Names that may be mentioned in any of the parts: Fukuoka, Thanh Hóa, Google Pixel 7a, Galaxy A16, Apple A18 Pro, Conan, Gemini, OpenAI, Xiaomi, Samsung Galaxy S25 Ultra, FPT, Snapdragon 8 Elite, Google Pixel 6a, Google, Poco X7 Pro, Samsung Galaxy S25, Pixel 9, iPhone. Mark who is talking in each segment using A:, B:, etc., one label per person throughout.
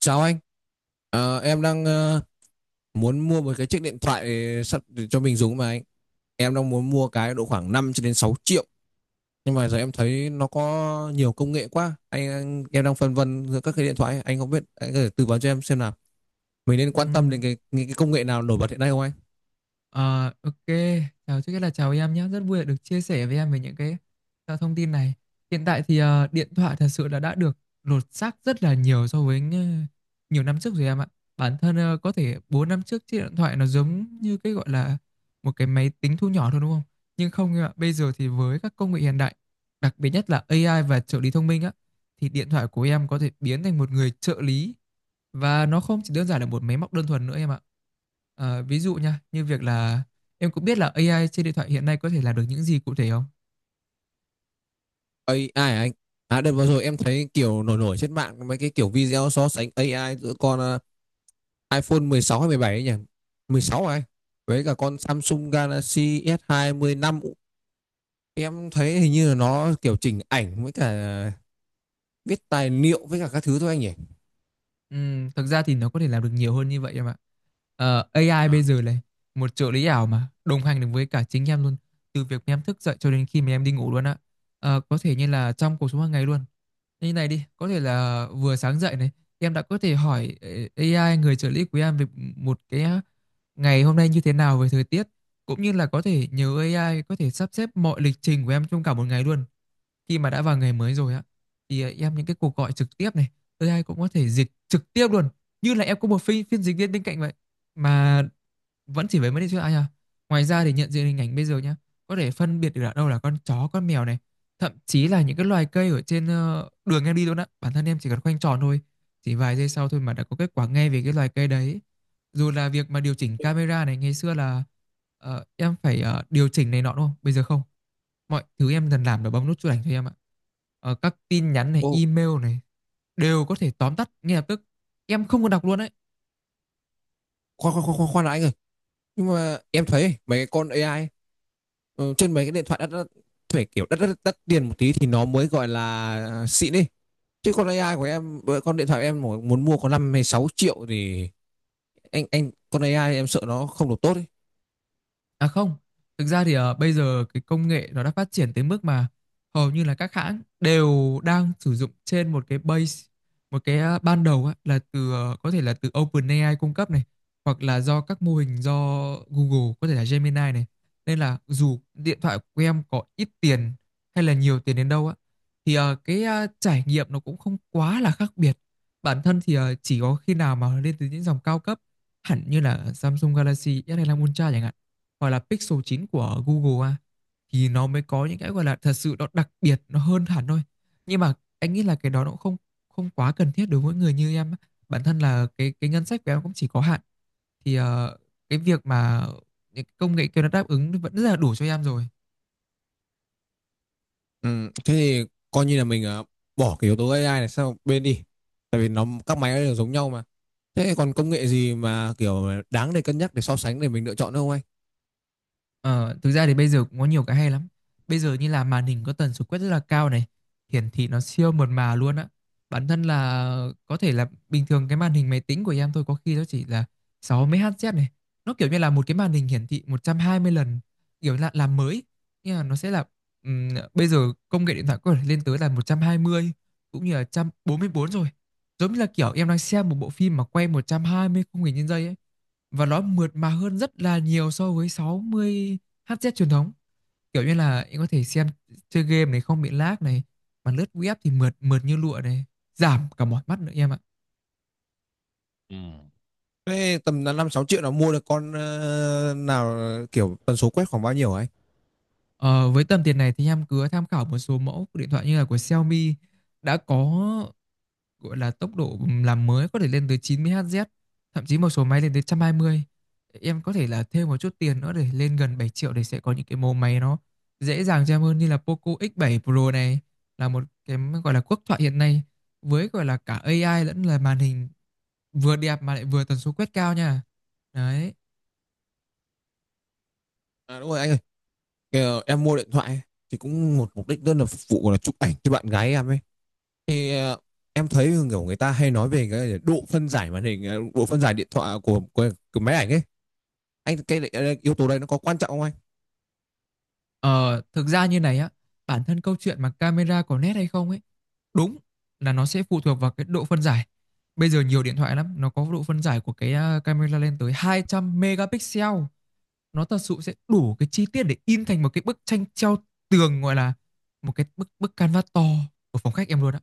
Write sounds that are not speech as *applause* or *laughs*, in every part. A: Chào anh. Em đang muốn mua một chiếc điện thoại sắp để cho mình dùng mà anh. Em đang muốn mua cái độ khoảng 5 cho đến 6 triệu. Nhưng mà giờ em thấy nó có nhiều công nghệ quá. Em đang phân vân giữa các cái điện thoại. Anh không biết, anh có thể tư vấn cho em xem nào. Mình nên quan tâm đến
B: Ừm,
A: những cái công nghệ nào nổi bật hiện nay không anh?
B: ờ, ok, chào trước hết là chào em nhé, rất vui được chia sẻ với em về những cái thông tin này. Hiện tại thì điện thoại thật sự là đã được lột xác rất là nhiều so với nhiều năm trước rồi em ạ. Bản thân có thể 4 năm trước chiếc điện thoại nó giống như cái gọi là một cái máy tính thu nhỏ thôi, đúng không? Nhưng không em ạ, bây giờ thì với các công nghệ hiện đại, đặc biệt nhất là AI và trợ lý thông minh á, thì điện thoại của em có thể biến thành một người trợ lý và nó không chỉ đơn giản là một máy móc đơn thuần nữa em ạ. Ví dụ nha, như việc là em cũng biết là AI trên điện thoại hiện nay có thể làm được những gì cụ thể không?
A: AI hả anh? À đợt vừa rồi em thấy kiểu nổi nổi trên mạng mấy cái kiểu video so sánh AI giữa con iPhone 16 hay 17 ấy nhỉ? 16 hả anh? Với cả con Samsung Galaxy S25 hai mươi lăm. Em thấy hình như là nó kiểu chỉnh ảnh với cả viết tài liệu với cả các thứ thôi anh nhỉ.
B: Thực ra thì nó có thể làm được nhiều hơn như vậy em ạ. AI bây giờ này, một trợ lý ảo mà đồng hành được với cả chính em luôn, từ việc em thức dậy cho đến khi mà em đi ngủ luôn ạ. Có thể như là trong cuộc sống hàng ngày luôn. Như này đi, có thể là vừa sáng dậy này, em đã có thể hỏi AI người trợ lý của em về một cái ngày hôm nay như thế nào, về thời tiết, cũng như là có thể nhờ AI có thể sắp xếp mọi lịch trình của em trong cả một ngày luôn. Khi mà đã vào ngày mới rồi á, thì em những cái cuộc gọi trực tiếp này, AI cũng có thể dịch trực tiếp luôn, như là em có một phiên phiên dịch viên bên cạnh vậy. Mà vẫn chỉ với mấy đứa trước anh à, ngoài ra thì nhận diện hình ảnh bây giờ nhá, có thể phân biệt được ở đâu là con chó con mèo này, thậm chí là những cái loài cây ở trên đường em đi luôn á. Bản thân em chỉ cần khoanh tròn thôi, chỉ vài giây sau thôi mà đã có kết quả ngay về cái loài cây đấy. Dù là việc mà điều chỉnh camera này, ngày xưa là em phải điều chỉnh này nọ, đúng không? Bây giờ không, mọi thứ em dần làm là bấm nút chụp ảnh cho em ạ. Các tin nhắn này,
A: Ồ,
B: email này đều có thể tóm tắt ngay lập tức, em không cần đọc luôn đấy.
A: khoan khoan khoan khoan khoan đã anh ơi. Nhưng mà em thấy mấy cái con AI ấy, trên mấy cái điện thoại đắt đắt phải kiểu đắt đắt đắt tiền một tí thì nó mới gọi là xịn đi. Chứ con AI của em, với con điện thoại em mà muốn mua có 5 hay 6 triệu thì anh con AI em sợ nó không được tốt ý.
B: À không, thực ra thì bây giờ cái công nghệ nó đã phát triển tới mức mà hầu như là các hãng đều đang sử dụng trên một cái base, một cái ban đầu á, là từ có thể là từ OpenAI cung cấp này, hoặc là do các mô hình do Google, có thể là Gemini này. Nên là dù điện thoại của em có ít tiền hay là nhiều tiền đến đâu á, thì cái trải nghiệm nó cũng không quá là khác biệt. Bản thân thì chỉ có khi nào mà lên từ những dòng cao cấp hẳn như là Samsung Galaxy S25 Ultra chẳng hạn, hoặc là Pixel 9 của Google à, thì nó mới có những cái gọi là thật sự nó đặc biệt, nó hơn hẳn thôi. Nhưng mà anh nghĩ là cái đó nó cũng không không quá cần thiết đối với người như em. Bản thân là cái ngân sách của em cũng chỉ có hạn, thì cái việc mà những công nghệ kia nó đáp ứng vẫn rất là đủ cho em rồi.
A: Ừ, thế thì coi như là mình bỏ cái yếu tố AI này sang một bên đi. Tại vì nó các máy nó đều giống nhau mà. Thế còn công nghệ gì mà kiểu đáng để cân nhắc để so sánh để mình lựa chọn nữa không anh?
B: Ờ, Thực ra thì bây giờ cũng có nhiều cái hay lắm. Bây giờ như là màn hình có tần số quét rất là cao này, hiển thị nó siêu mượt mà luôn á. Bản thân là có thể là bình thường cái màn hình máy tính của em thôi có khi nó chỉ là 60 Hz này. Nó kiểu như là một cái màn hình hiển thị 120 lần, kiểu là làm mới. Nhưng mà nó sẽ là ừm, bây giờ công nghệ điện thoại có thể lên tới là 120, cũng như là 144 rồi. Giống như là kiểu em đang xem một bộ phim mà quay 120 khung hình trên giây ấy, và nó mượt mà hơn rất là nhiều so với 60 Hz truyền thống. Kiểu như là em có thể xem, chơi game này không bị lag này, mà lướt web thì mượt mượt như lụa này, giảm cả mỏi mắt nữa em ạ.
A: Thế tầm là 5 6 triệu là mua được con nào, kiểu tần số quét khoảng bao nhiêu hả anh?
B: Ờ, với tầm tiền này thì em cứ tham khảo một số mẫu điện thoại như là của Xiaomi, đã có gọi là tốc độ làm mới có thể lên tới 90 Hz, thậm chí một số máy lên tới 120. Em có thể là thêm một chút tiền nữa để lên gần 7 triệu, để sẽ có những cái mẫu máy nó dễ dàng cho em hơn, như là Poco X7 Pro này, là một cái gọi là quốc thoại hiện nay với gọi là cả AI lẫn là màn hình, vừa đẹp mà lại vừa tần số quét cao nha. Đấy.
A: À đúng rồi anh ơi, kiểu em mua điện thoại ấy, thì cũng một mục đích đơn là phục vụ là chụp ảnh cho bạn gái em ấy. Thì em thấy kiểu người ta hay nói về cái độ phân giải màn hình, độ phân giải điện thoại của máy ảnh ấy. Anh cái yếu tố đây nó có quan trọng không anh?
B: Ờ, Thực ra như này á, bản thân câu chuyện mà camera có nét hay không ấy, đúng là nó sẽ phụ thuộc vào cái độ phân giải. Bây giờ nhiều điện thoại lắm, nó có độ phân giải của cái à, camera lên tới 200 megapixel. Nó thật sự sẽ đủ cái chi tiết để in thành một cái bức tranh treo tường, gọi là một cái bức bức canvas to của phòng khách em luôn á.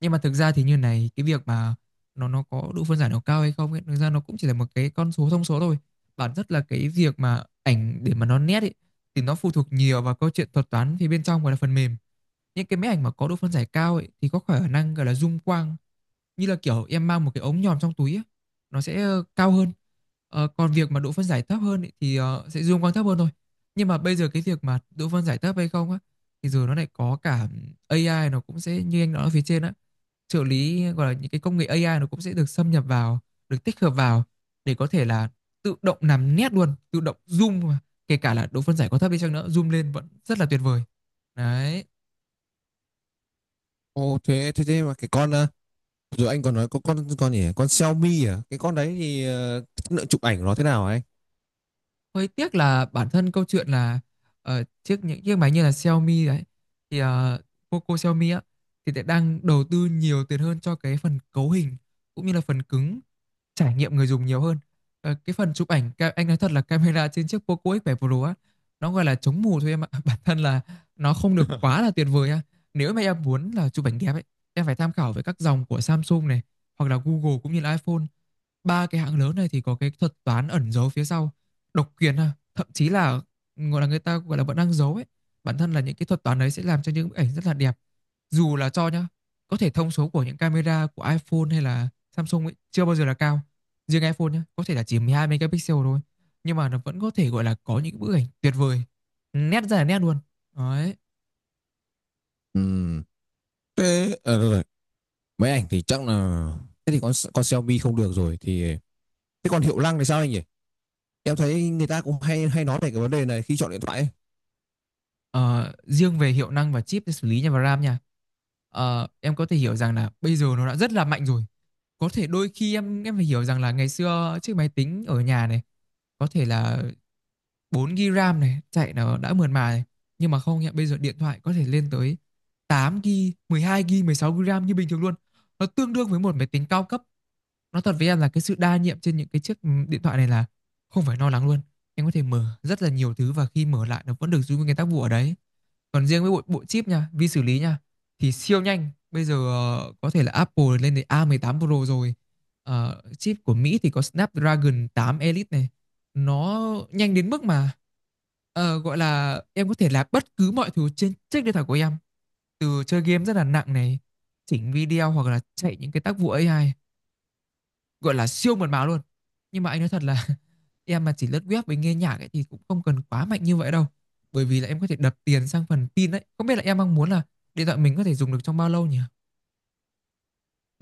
B: Nhưng mà thực ra thì như này, cái việc mà nó có độ phân giải nó cao hay không ấy, thực ra nó cũng chỉ là một cái con số, thông số thôi. Bản chất là cái việc mà ảnh để mà nó nét ấy, thì nó phụ thuộc nhiều vào câu chuyện thuật toán phía bên trong, gọi là phần mềm. Những cái máy ảnh mà có độ phân giải cao ấy thì có khả năng gọi là zoom quang, như là kiểu em mang một cái ống nhòm trong túi ấy, nó sẽ cao hơn. Còn việc mà độ phân giải thấp hơn ấy, thì sẽ zoom quang thấp hơn thôi. Nhưng mà bây giờ cái việc mà độ phân giải thấp hay không á, thì giờ nó lại có cả AI, nó cũng sẽ như anh nói ở phía trên á, trợ lý gọi là những cái công nghệ AI nó cũng sẽ được xâm nhập vào, được tích hợp vào, để có thể là tự động làm nét luôn, tự động zoom mà. Kể cả là độ phân giải có thấp đi chăng nữa, zoom lên vẫn rất là tuyệt vời đấy.
A: Ồ, thế thế thế mà cái con rồi anh còn nói có con gì nhỉ? Con Xiaomi à, cái con đấy thì chất lượng chụp ảnh của nó thế nào hả anh?
B: Hơi tiếc là bản thân câu chuyện là những chiếc máy như là Xiaomi đấy, thì Poco Xiaomi á, thì lại đang đầu tư nhiều tiền hơn cho cái phần cấu hình cũng như là phần cứng, trải nghiệm người dùng nhiều hơn. Cái phần chụp ảnh ca anh nói thật là camera trên chiếc Poco X7 Pro á, nó gọi là chống mù thôi em ạ. *laughs* Bản thân là nó không được
A: *laughs*
B: quá là tuyệt vời á. Nếu mà em muốn là chụp ảnh đẹp ấy, em phải tham khảo với các dòng của Samsung này, hoặc là Google cũng như là iPhone. Ba cái hãng lớn này thì có cái thuật toán ẩn giấu phía sau, độc quyền ha. Thậm chí là gọi là người ta gọi là vẫn đang giấu ấy. Bản thân là những cái thuật toán đấy sẽ làm cho những bức ảnh rất là đẹp dù là cho nhá, có thể thông số của những camera của iPhone hay là Samsung ấy chưa bao giờ là cao. Riêng iPhone nhá, có thể là chỉ 12 megapixel thôi, nhưng mà nó vẫn có thể gọi là có những bức ảnh tuyệt vời, nét ra là nét luôn đấy.
A: Ừm, Thế rồi, rồi. Máy ảnh thì chắc là thế thì con Xiaomi không được rồi thì thế còn hiệu năng thì sao anh nhỉ? Em thấy người ta cũng hay hay nói về cái vấn đề này khi chọn điện thoại ấy.
B: Ờ, Riêng về hiệu năng và chip để xử lý nha, và RAM nha. Em có thể hiểu rằng là bây giờ nó đã rất là mạnh rồi. Có thể đôi khi em phải hiểu rằng là ngày xưa chiếc máy tính ở nhà này có thể là 4GB RAM này, chạy nó đã mượt mà này. Nhưng mà không nhá, bây giờ điện thoại có thể lên tới 8GB, 12GB, 16GB RAM như bình thường luôn. Nó tương đương với một máy tính cao cấp. Nó thật với em là cái sự đa nhiệm trên những cái chiếc điện thoại này là không phải lo lắng luôn. Em có thể mở rất là nhiều thứ, và khi mở lại nó vẫn được giữ nguyên cái tác vụ ở đấy. Còn riêng với bộ chip nha, vi xử lý nha, thì siêu nhanh. Bây giờ có thể là Apple lên đến a mười tám Pro rồi. Chip của Mỹ thì có Snapdragon tám Elite này, nó nhanh đến mức mà gọi là em có thể làm bất cứ mọi thứ trên chiếc điện thoại của em, từ chơi game rất là nặng này, chỉnh video hoặc là chạy những cái tác vụ AI, gọi là siêu mượt mà luôn. Nhưng mà anh nói thật là *laughs* em mà chỉ lướt web với nghe nhạc ấy thì cũng không cần quá mạnh như vậy đâu, bởi vì là em có thể đập tiền sang phần pin đấy. Không biết là em đang muốn là điện thoại mình có thể dùng được trong bao lâu nhỉ?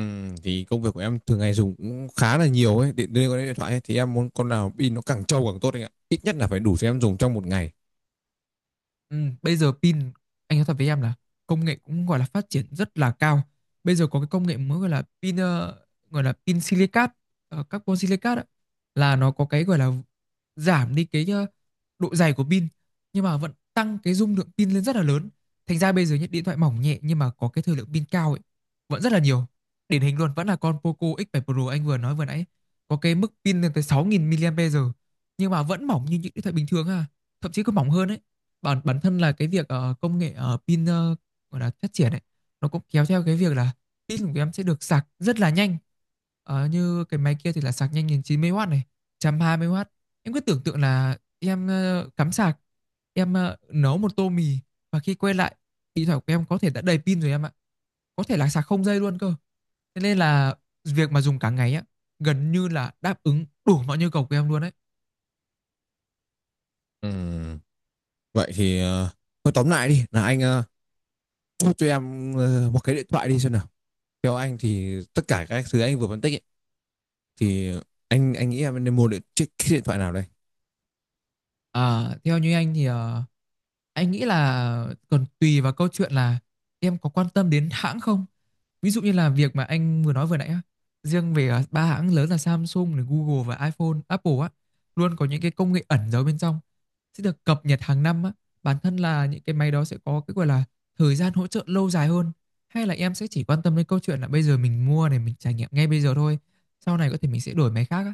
A: Ừ, thì công việc của em thường ngày dùng cũng khá là nhiều ấy điện liên quan đến điện thoại ấy. Thì em muốn con nào pin nó càng trâu càng tốt anh ạ, ít nhất là phải đủ cho em dùng trong một ngày.
B: Ừ, bây giờ pin, anh nói thật với em là công nghệ cũng gọi là phát triển rất là cao. Bây giờ có cái công nghệ mới gọi là pin gọi là pin silicat, carbon silicat ấy, là nó có cái gọi là giảm đi cái độ dày của pin, nhưng mà vẫn tăng cái dung lượng pin lên rất là lớn. Thành ra bây giờ những điện thoại mỏng nhẹ nhưng mà có cái thời lượng pin cao ấy vẫn rất là nhiều. Điển hình luôn vẫn là con Poco X7 Pro anh vừa nói vừa nãy, có cái mức pin lên tới 6.000 mAh, nhưng mà vẫn mỏng như những điện thoại bình thường ha, thậm chí còn mỏng hơn ấy. Bản bản thân là cái việc công nghệ pin gọi là phát triển ấy, nó cũng kéo theo cái việc là pin của em sẽ được sạc rất là nhanh. Ờ, như cái máy kia thì là sạc nhanh đến chín mươi w này, một trăm hai mươi w. Em cứ tưởng tượng là em cắm sạc, em nấu một tô mì, và khi quay lại, điện thoại của em có thể đã đầy pin rồi em ạ. Có thể là sạc không dây luôn cơ. Thế nên là việc mà dùng cả ngày á, gần như là đáp ứng đủ mọi nhu cầu của em luôn đấy.
A: Ừm, Vậy thì thôi tóm lại đi là anh ờ, Thôi cho em một cái điện thoại đi xem nào. Theo anh thì tất cả các thứ anh vừa phân tích ấy, thì anh nghĩ em nên mua cái điện thoại nào đây?
B: Ờ, theo như anh thì anh nghĩ là còn tùy vào câu chuyện là em có quan tâm đến hãng không. Ví dụ như là việc mà anh vừa nói vừa nãy á, riêng về ba hãng lớn là Samsung này, Google và iPhone, Apple á, luôn có những cái công nghệ ẩn giấu bên trong, sẽ được cập nhật hàng năm á. Bản thân là những cái máy đó sẽ có cái gọi là thời gian hỗ trợ lâu dài hơn. Hay là em sẽ chỉ quan tâm đến câu chuyện là bây giờ mình mua này, mình trải nghiệm ngay bây giờ thôi, sau này có thể mình sẽ đổi máy khác á.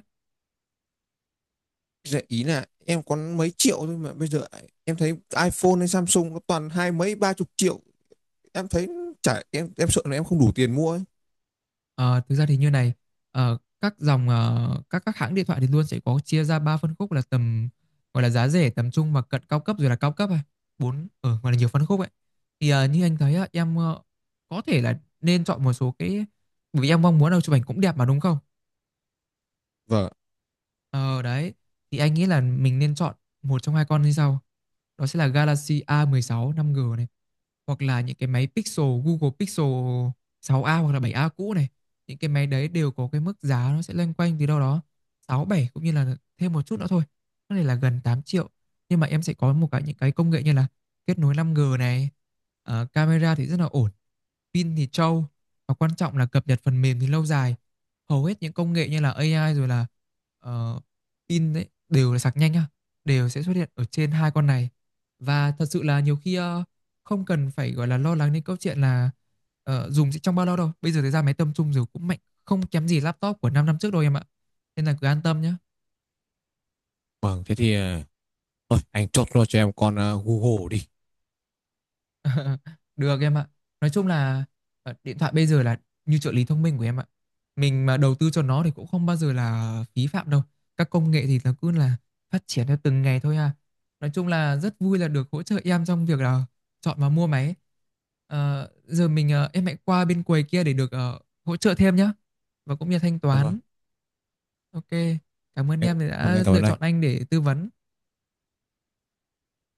A: Dạ, ý là em có mấy triệu thôi mà bây giờ em thấy iPhone hay Samsung nó toàn hai mấy ba chục triệu. Em thấy chả em sợ là em không đủ tiền mua ấy.
B: Ờ, thực ra thì như này, các dòng các hãng điện thoại thì luôn sẽ có chia ra ba phân khúc, là tầm gọi là giá rẻ, tầm trung và cận cao cấp, rồi là cao cấp, à bốn ở, gọi là nhiều phân khúc ấy. Thì như anh thấy á, em có thể là nên chọn một số cái, bởi vì em mong muốn đâu chụp ảnh cũng đẹp mà đúng không.
A: Vâng,
B: Ờ đấy, thì anh nghĩ là mình nên chọn một trong hai con như sau. Đó sẽ là Galaxy a mười sáu năm g này, hoặc là những cái máy Pixel, Google Pixel 6a hoặc là 7a cũ này. Những cái máy đấy đều có cái mức giá nó sẽ loanh quanh từ đâu đó 6 bảy, cũng như là thêm một chút nữa thôi, có thể là gần 8 triệu. Nhưng mà em sẽ có một cái, những cái công nghệ như là kết nối 5G này, camera thì rất là ổn, pin thì trâu, và quan trọng là cập nhật phần mềm thì lâu dài. Hầu hết những công nghệ như là AI rồi là ờ, pin đấy đều là sạc nhanh nhá, đều sẽ xuất hiện ở trên hai con này. Và thật sự là nhiều khi không cần phải gọi là lo lắng đến câu chuyện là dùng sẽ trong bao lâu đâu. Bây giờ thì ra máy tầm trung rồi cũng mạnh không kém gì laptop của 5 năm trước đâu em ạ, nên là cứ an tâm nhé.
A: vâng thế thì thôi anh chốt luôn cho em con Google đi.
B: *laughs* Được em ạ. Nói chung là điện thoại bây giờ là như trợ lý thông minh của em ạ. Mình mà đầu tư cho nó thì cũng không bao giờ là phí phạm đâu. Các công nghệ thì nó cứ là phát triển theo từng ngày thôi à. Nói chung là rất vui là được hỗ trợ em trong việc là chọn và mua máy. Ờ, giờ mình em hãy qua bên quầy kia để được hỗ trợ thêm nhé, và cũng như thanh
A: Vâng,
B: toán. Ok. Cảm ơn
A: em,
B: em
A: vâng,
B: đã
A: em cảm
B: lựa
A: ơn
B: chọn
A: anh.
B: anh để tư vấn.